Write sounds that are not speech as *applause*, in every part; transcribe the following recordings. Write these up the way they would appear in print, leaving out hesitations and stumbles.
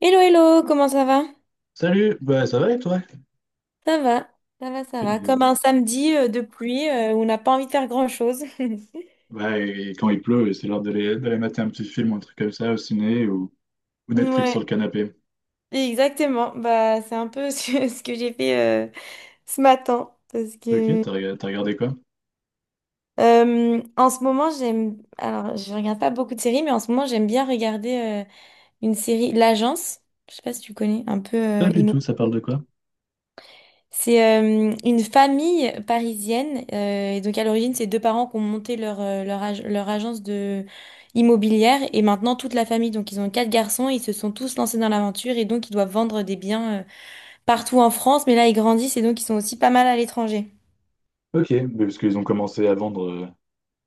Hello, hello, comment ça va? Salut, bah ça va et toi? Ça va, ça va, ça Et- va. Comme un samedi de pluie où on n'a pas envie de faire grand-chose. *laughs* Bah, et quand il pleut, c'est l'heure d'aller mater un petit film, un truc comme ça au ciné ou Netflix sur Ouais, le canapé. exactement. Bah, c'est un peu *laughs* ce que j'ai fait ce matin. Parce Ok, que t'as regardé quoi? En ce moment, j'aime. Alors, je regarde pas beaucoup de séries, mais en ce moment, j'aime bien regarder une série, L'Agence. Je sais pas si tu connais, un peu Pas du immobilier. tout, ça parle de quoi? C'est une famille parisienne. Et donc à l'origine, c'est deux parents qui ont monté leur agence de immobilière. Et maintenant, toute la famille, donc ils ont quatre garçons, ils se sont tous lancés dans l'aventure et donc ils doivent vendre des biens partout en France. Mais là, ils grandissent et donc ils sont aussi pas mal à l'étranger. Ok, mais parce qu'ils ont commencé à vendre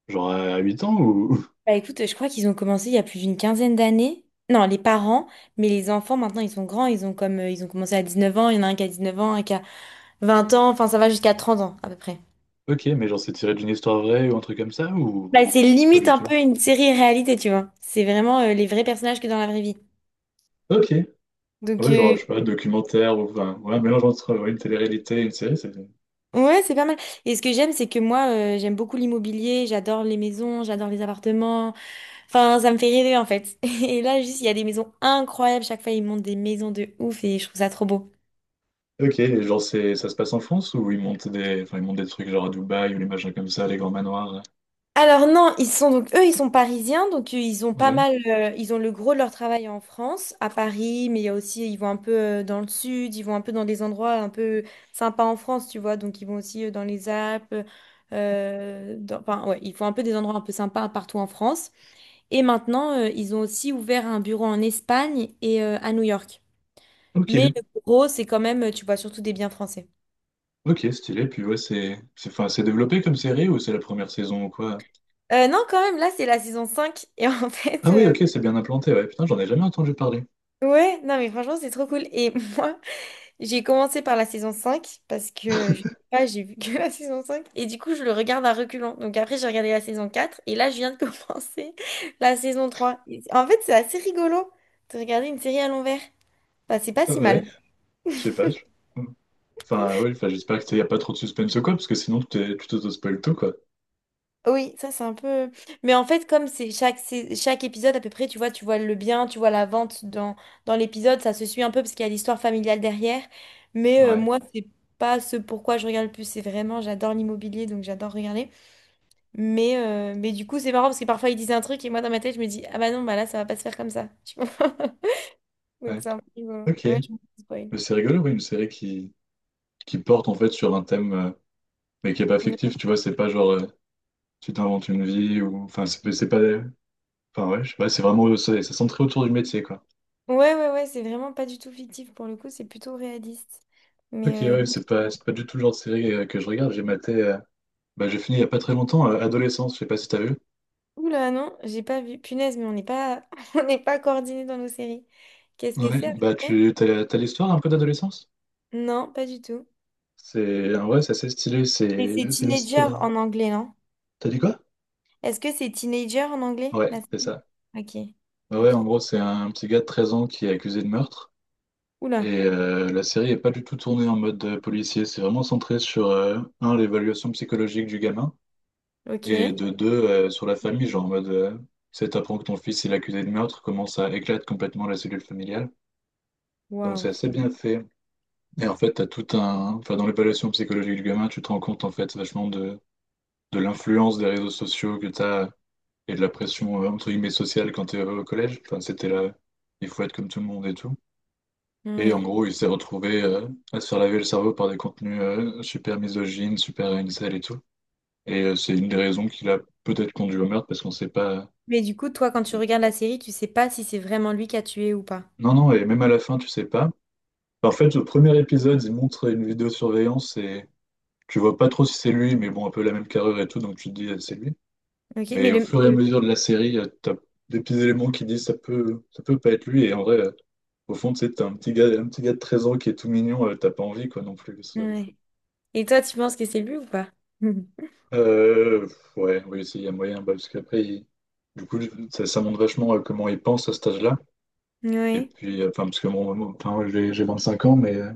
genre à 8 ans ou... Bah écoute, je crois qu'ils ont commencé il y a plus d'une quinzaine d'années. Non, les parents, mais les enfants, maintenant, ils sont grands. Ils ont commencé à 19 ans. Il y en a un qui a 19 ans, un qui a 20 ans. Enfin, ça va jusqu'à 30 ans à peu près. *laughs* Ok, mais genre c'est tiré d'une histoire vraie ou un truc comme ça ou... Bah, c'est Pas limite du un tout. peu une série réalité, tu vois. C'est vraiment les vrais personnages que dans la vraie vie. Ok, ouais Donc, genre euh, je sais pas, documentaire ou... Enfin, ouais, mélange entre ouais, une télé-réalité et une série, c'est... ouais, c'est pas mal. Et ce que j'aime, c'est que moi, j'aime beaucoup l'immobilier, j'adore les maisons, j'adore les appartements. Enfin, ça me fait rêver, en fait. *laughs* Et là, juste, il y a des maisons incroyables. Chaque fois, ils montent des maisons de ouf et je trouve ça trop beau. Ok, et genre c'est ça se passe en France ou ils montent des... Enfin, ils montent des trucs genre à Dubaï ou les machins comme ça, les grands manoirs? Alors non, ils sont donc eux, ils sont parisiens, donc ils ont pas Ouais. mal, ils ont le gros de leur travail en France, à Paris, mais il y a aussi, ils vont un peu dans le sud, ils vont un peu dans des endroits un peu sympas en France, tu vois, donc ils vont aussi dans les Alpes, enfin ouais, ils font un peu des endroits un peu sympas partout en France. Et maintenant, ils ont aussi ouvert un bureau en Espagne et à New York. Ok, Mais le gros, c'est quand même, tu vois, surtout des biens français. ok, stylé. Puis ouais, c'est enfin, c'est développé comme série ou c'est la première saison ou quoi? Non, quand même, là, c'est la saison cinq. Et en *laughs* fait, Ah oui, ok, c'est bien implanté. Ouais, putain, j'en ai jamais entendu parler. ouais, non, mais franchement, c'est trop cool. Et *laughs* moi, j'ai commencé par la saison 5 parce que je sais pas, j'ai vu que *laughs* la saison 5 et du coup je le regarde à reculons. Donc après j'ai regardé la saison 4 et là je viens de *laughs* commencer la saison 3. En fait, c'est assez rigolo de regarder une série à l'envers. Enfin, c'est pas Ah si mal. ouais, je sais pas. Je- Enfin, oui, enfin, j'espère que y a pas trop de suspense ou quoi, parce que sinon tu t'auto-spoil tout, quoi. Oui, ça c'est un peu, mais en fait comme c'est chaque épisode à peu près, tu vois le bien, tu vois la vente dans l'épisode, ça se suit un peu parce qu'il y a l'histoire familiale derrière, mais Ouais, moi c'est pas ce pourquoi je regarde le plus, c'est vraiment j'adore l'immobilier donc j'adore regarder. Mais du coup, c'est marrant parce que parfois ils disent un truc et moi dans ma tête, je me dis, ah bah non, bah là, ça va pas se faire comme ça. Tu vois? *laughs* Donc ouais. c'est un peu rigolo. Ok. Ouais, je me fais spoil. Mais c'est rigolo, oui, une série qui porte en fait sur un thème, mais qui est pas Non. fictif, tu vois, c'est pas genre tu t'inventes une vie ou. Enfin, c'est pas. Enfin, ouais, je sais pas, c'est vraiment. C'est centré autour du métier, quoi. Ouais, ouais, ouais, c'est vraiment pas du tout fictif pour le coup, c'est plutôt réaliste. Ok, Mais. ouais, c'est pas du tout le genre de série que je regarde. J'ai maté. Bah, j'ai fini il n'y a pas très longtemps, Adolescence, je sais pas si t'as vu. Oula, non, j'ai pas vu. Punaise, mais on n'est pas *laughs* on n'est pas coordinés dans nos séries. Qu'est-ce que Ouais, c'est bah après? T'as l'histoire un peu d'Adolescence? Non, pas du tout. C'est en vrai c'est assez stylé, Mais c'est c'est c'est Teenager l'histoire. en anglais, non? T'as dit quoi? Est-ce que c'est Teenager en anglais? Ouais, La c'est série? ça. Ok, Bah ouais, en ok. gros, c'est un petit gars de 13 ans qui est accusé de meurtre. Oula, Et la série est pas du tout tournée en mode policier, c'est vraiment centré sur, un, l'évaluation psychologique du gamin, et ok. de deux, sur la famille, genre en mode, c'est t'apprends que ton fils il est accusé de meurtre, comment ça éclate complètement la cellule familiale. Donc c'est Waouh. assez bien fait. Et en fait, t'as tout un... Enfin, dans l'évaluation psychologique du gamin, tu te rends compte, en fait, de l'influence des réseaux sociaux que t'as et de la pression, entre guillemets, sociale quand t'es au collège. Enfin, c'était là, il faut être comme tout le monde et tout. Et en Ouais. gros, il s'est retrouvé à se faire laver le cerveau par des contenus super misogynes, super incel et tout. Et c'est une des raisons qui l'a peut-être conduit au meurtre, parce qu'on sait pas... Mais du coup, toi, quand on tu sait- regardes la série, tu sais pas si c'est vraiment lui qui a tué ou pas. Non, non, et même à la fin, tu sais pas. En fait, au premier épisode, il montre une vidéosurveillance et... Tu vois pas trop si c'est lui, mais bon, un peu la même carrure et tout, donc tu te dis c'est lui. Ok, mais Mais au le... fur et à le- mesure de la série, t'as des petits éléments qui disent ça peut pas être lui. Et en vrai, au fond, tu sais, t'as un petit gars de 13 ans qui est tout mignon, t'as pas envie quoi non plus que ce soit lui. Ouais. Et toi, tu penses que c'est lui ou pas? *laughs* Mhm. Pff, ouais, oui, s'il y a moyen, bah, parce qu'après, du coup, ça montre vachement comment ils pensent à cet âge-là. Et Ouais. puis, enfin, parce que enfin, moi, j'ai 5 ans, mais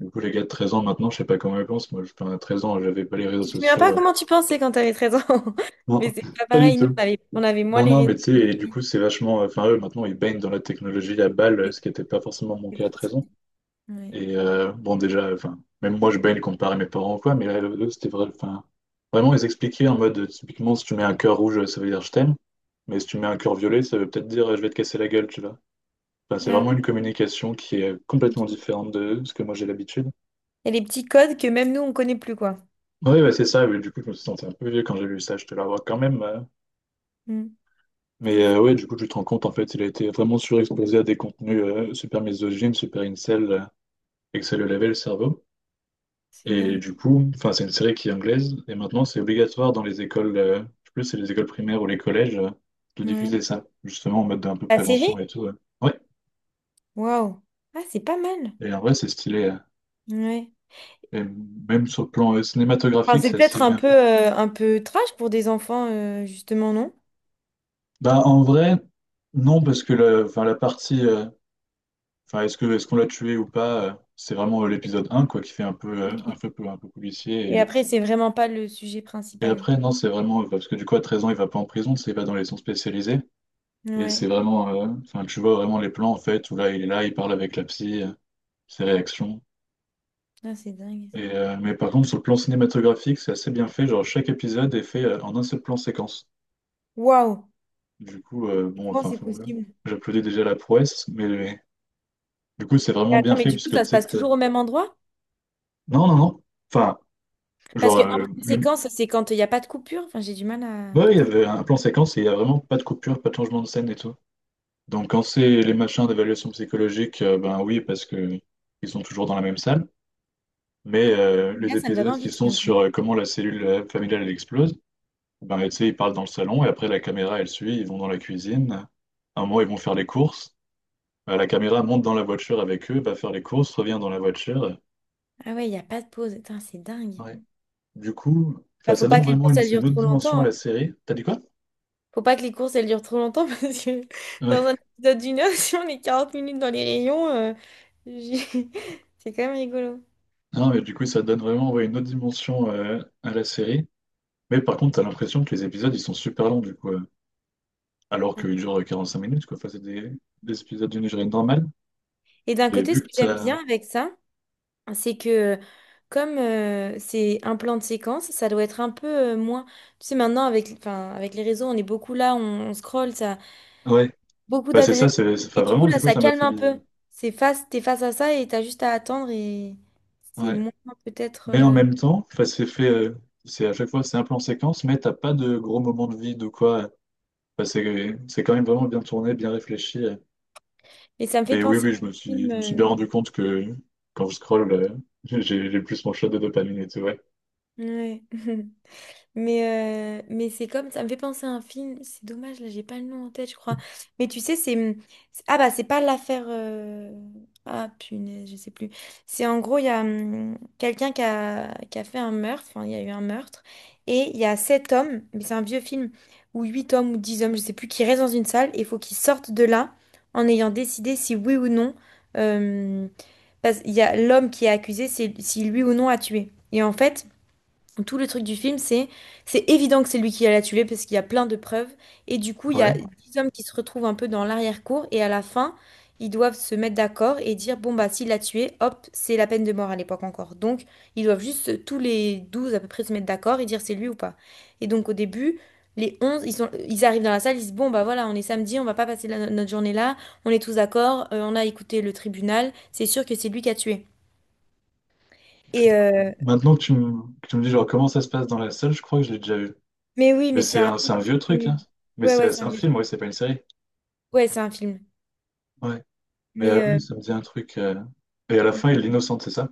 du coup, les gars de 13 ans maintenant, je sais pas comment ils pensent. Moi, je, enfin, à 13 ans, j'avais pas les réseaux Tu te souviens pas sociaux. comment tu pensais quand t'avais 13 ans? *laughs* Non, Mais c'est pas pas du pareil, nous, tout. On avait moins Non, les non, mais tu réseaux. sais, et du coup, c'est vachement. Enfin, eux, maintenant, ils baignent dans la technologie à balles, ce qui n'était pas forcément mon C'était cas à trop 13 truc. ans. Ouais. Et bon, déjà, enfin, même moi, je baigne comparé à mes parents ou quoi, mais là, eux, c'était vrai. Enfin, vraiment, ils expliquaient en mode, typiquement, si tu mets un cœur rouge, ça veut dire je t'aime. Mais si tu mets un cœur violet, ça veut peut-être dire je vais te casser la gueule, tu vois. Enfin, c'est Ah, vraiment oui. une communication qui est Ok. complètement Il différente de ce que moi j'ai l'habitude. y a des petits codes que même nous, on connaît plus, quoi. Oui, bah, c'est ça. Mais du coup, je me suis senti un peu vieux quand j'ai vu ça. Je te l'avoue quand même. Hmm. Mais C'est fou. Ouais, du coup, tu te rends compte, en fait, il a été vraiment surexposé à des contenus super misogynes, super incel, et que ça lui lavait le cerveau. C'est Et dingue. du coup, enfin, c'est une série qui est anglaise, et maintenant, c'est obligatoire dans les écoles, je sais plus, c'est les écoles primaires ou les collèges, de Ouais. diffuser ça, justement, en mode d'un peu La prévention série? et tout. Ouais, Ouais. Waouh. Ah, c'est pas mal. Et en vrai, c'est stylé. Ouais. Et même sur le plan Enfin, cinématographique, c'est c'est assez peut-être un bien peu, fait. euh, un peu trash pour des enfants, justement, non? Bah, en vrai, non, parce que la, enfin, la partie. Enfin, est-ce qu'on l'a tué ou pas? C'est vraiment l'épisode un quoi, qui fait un peu, Ok. Un peu Et policier. après, c'est vraiment pas le sujet Et principal. après, non, c'est vraiment. Parce que du coup, à 13 ans, il va pas en prison, c'est sais, il va dans les sons spécialisés. Et c'est Ouais, vraiment. Enfin, tu vois vraiment les plans, en fait, où là, il est là, il parle avec la psy, ses réactions. ah, c'est dingue. Et, mais par contre, sur le plan cinématographique, c'est assez bien fait. Genre, chaque épisode est fait en un seul plan séquence. Waouh, Du coup, bon, comment enfin, c'est possible? j'applaudis déjà la prouesse, mais du coup, c'est Mais vraiment attends, bien mais fait, du coup, puisque ça tu se sais. passe toujours au même endroit? Non, non, non. Enfin. Parce Genre, qu'un plan euh, de séquence, c'est quand il n'y a pas de coupure. Enfin, j'ai du mal à. Ouais, il y Peut-être. avait un plan séquence et il n'y a vraiment pas de coupure, pas de changement de scène et tout. Donc quand c'est les machins d'évaluation psychologique, ben oui, parce que ils sont toujours dans la même salle. Mais Mais les là, ça me donne épisodes envie qui tout sont d'un coup. sur comment la cellule familiale elle explose, ben tu sais, ils parlent dans le salon et après la caméra elle suit, ils vont dans la cuisine. À un moment ils vont faire les courses. La caméra monte dans la voiture avec eux, va faire les courses, revient dans la voiture. Ah, ouais, il n'y a pas de pause. Attends, c'est dingue. Ouais. Du coup, Bah, enfin faut ça pas donne que les vraiment courses, elles une durent autre trop dimension longtemps, à hein. la série. T'as dit quoi? Faut pas que les courses, elles durent trop longtemps *laughs* parce que Euh, dans un épisode d'une heure, *laughs* si on est 40 minutes dans les rayons, j'ai- *laughs* c'est quand même rigolo. Non, mais du coup, ça donne vraiment ouais, une autre dimension à la série. Mais par contre, t'as l'impression que les épisodes, ils sont super longs, du coup. Alors qu'ils durent 45 minutes, quoi. Enfin, des épisodes d'une durée normale. Et d'un Mais côté, vu ce que que j'aime t'as... bien avec ça, c'est que comme c'est un plan de séquence, ça doit être un peu moins. Tu sais, maintenant avec, enfin, avec les réseaux, on est beaucoup là, on scrolle, ça, Ouais. beaucoup Bah, c'est d'adresses. ça, Enfin, Et du coup, vraiment, là, du coup, ça ça m'a calme fait un bizarre. peu. C'est face, t'es face à ça et t'as juste à attendre et c'est Ouais. moins peut-être. Mais en euh, même temps, enfin, c'est à chaque fois, c'est un peu en séquence, mais t'as pas de gros moments de vide ou quoi. Enfin, c'est quand même vraiment bien tourné, bien réfléchi. Mais ça me fait Mais oui, penser oui, à un film. je me suis bien rendu compte que quand je scrolle, *laughs* j'ai j'ai plus mon shot de dopamine et tout, ouais. Ouais. *laughs* Mais c'est comme, ça me fait penser à un film, c'est dommage, là, j'ai pas le nom en tête, je crois. Mais tu sais, c'est. Ah bah, c'est pas l'affaire. Ah punaise, je sais plus. C'est en gros, il y a quelqu'un qui a fait un meurtre, enfin, il y a eu un meurtre, et il y a sept hommes, mais c'est un vieux film, ou huit hommes ou dix hommes, je sais plus, qui restent dans une salle, et il faut qu'ils sortent de là en ayant décidé si oui ou non... euh, parce qu'il y a l'homme qui est accusé, c'est si lui ou non a tué. Et en fait. Tout le truc du film, c'est évident que c'est lui qui a la tuer parce qu'il y a plein de preuves. Et du coup, il y a Ouais. dix hommes qui se retrouvent un peu dans l'arrière-cour et à la fin, ils doivent se mettre d'accord et dire, bon, bah, s'il l'a tué, hop, c'est la peine de mort à l'époque encore. Donc, ils doivent juste tous les 12 à peu près se mettre d'accord et dire c'est lui ou pas. Et donc, au début, les 11, ils arrivent dans la salle, ils disent, bon, bah voilà, on est samedi, on va pas passer notre journée là, on est tous d'accord, on a écouté le tribunal, c'est sûr que c'est lui qui a tué. Putain, Et, euh, maintenant que que tu me dis genre comment ça se passe dans la salle, je crois que je l'ai déjà vu. mais oui, Mais mais c'est un... c'est truc un vieux truc, connu. hein. Mais Ouais, ouais, c'est c'est c'est un un vieux. film, ouais, c'est pas une série. Ouais, c'est un film. Ouais. Mais Mais oui, ça me dit un truc. Et à la fin, il l'innocente, c'est ça?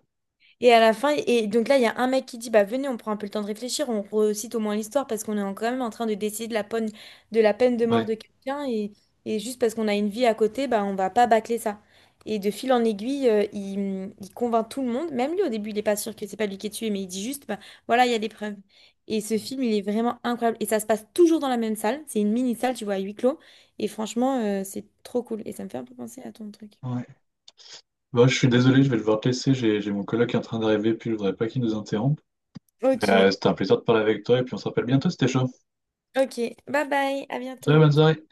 et à la fin, et donc là, il y a un mec qui dit, bah venez, on prend un peu le temps de réfléchir, on recite au moins l'histoire parce qu'on est quand même en train de décider de la peine de mort Ouais. de quelqu'un et juste parce qu'on a une vie à côté, bah on va pas bâcler ça. Et de fil en aiguille, il convainc tout le monde. Même lui, au début, il est pas sûr que c'est pas lui qui est tué, mais il dit juste, bah voilà, il y a des preuves. Et ce film, il est vraiment incroyable. Et ça se passe toujours dans la même salle. C'est une mini salle, tu vois, à huis clos. Et franchement, c'est trop cool. Et ça me fait un peu penser à ton truc. Ouais. Bon, je suis désolé, je vais devoir te laisser. J'ai mon collègue qui est en train d'arriver, puis je voudrais pas qu'il nous interrompe. Mais, Ok. C'était un plaisir de parler avec toi, et puis on se rappelle bientôt, c'était chaud. Ok, bye bye, à Salut, bientôt. bonne soirée.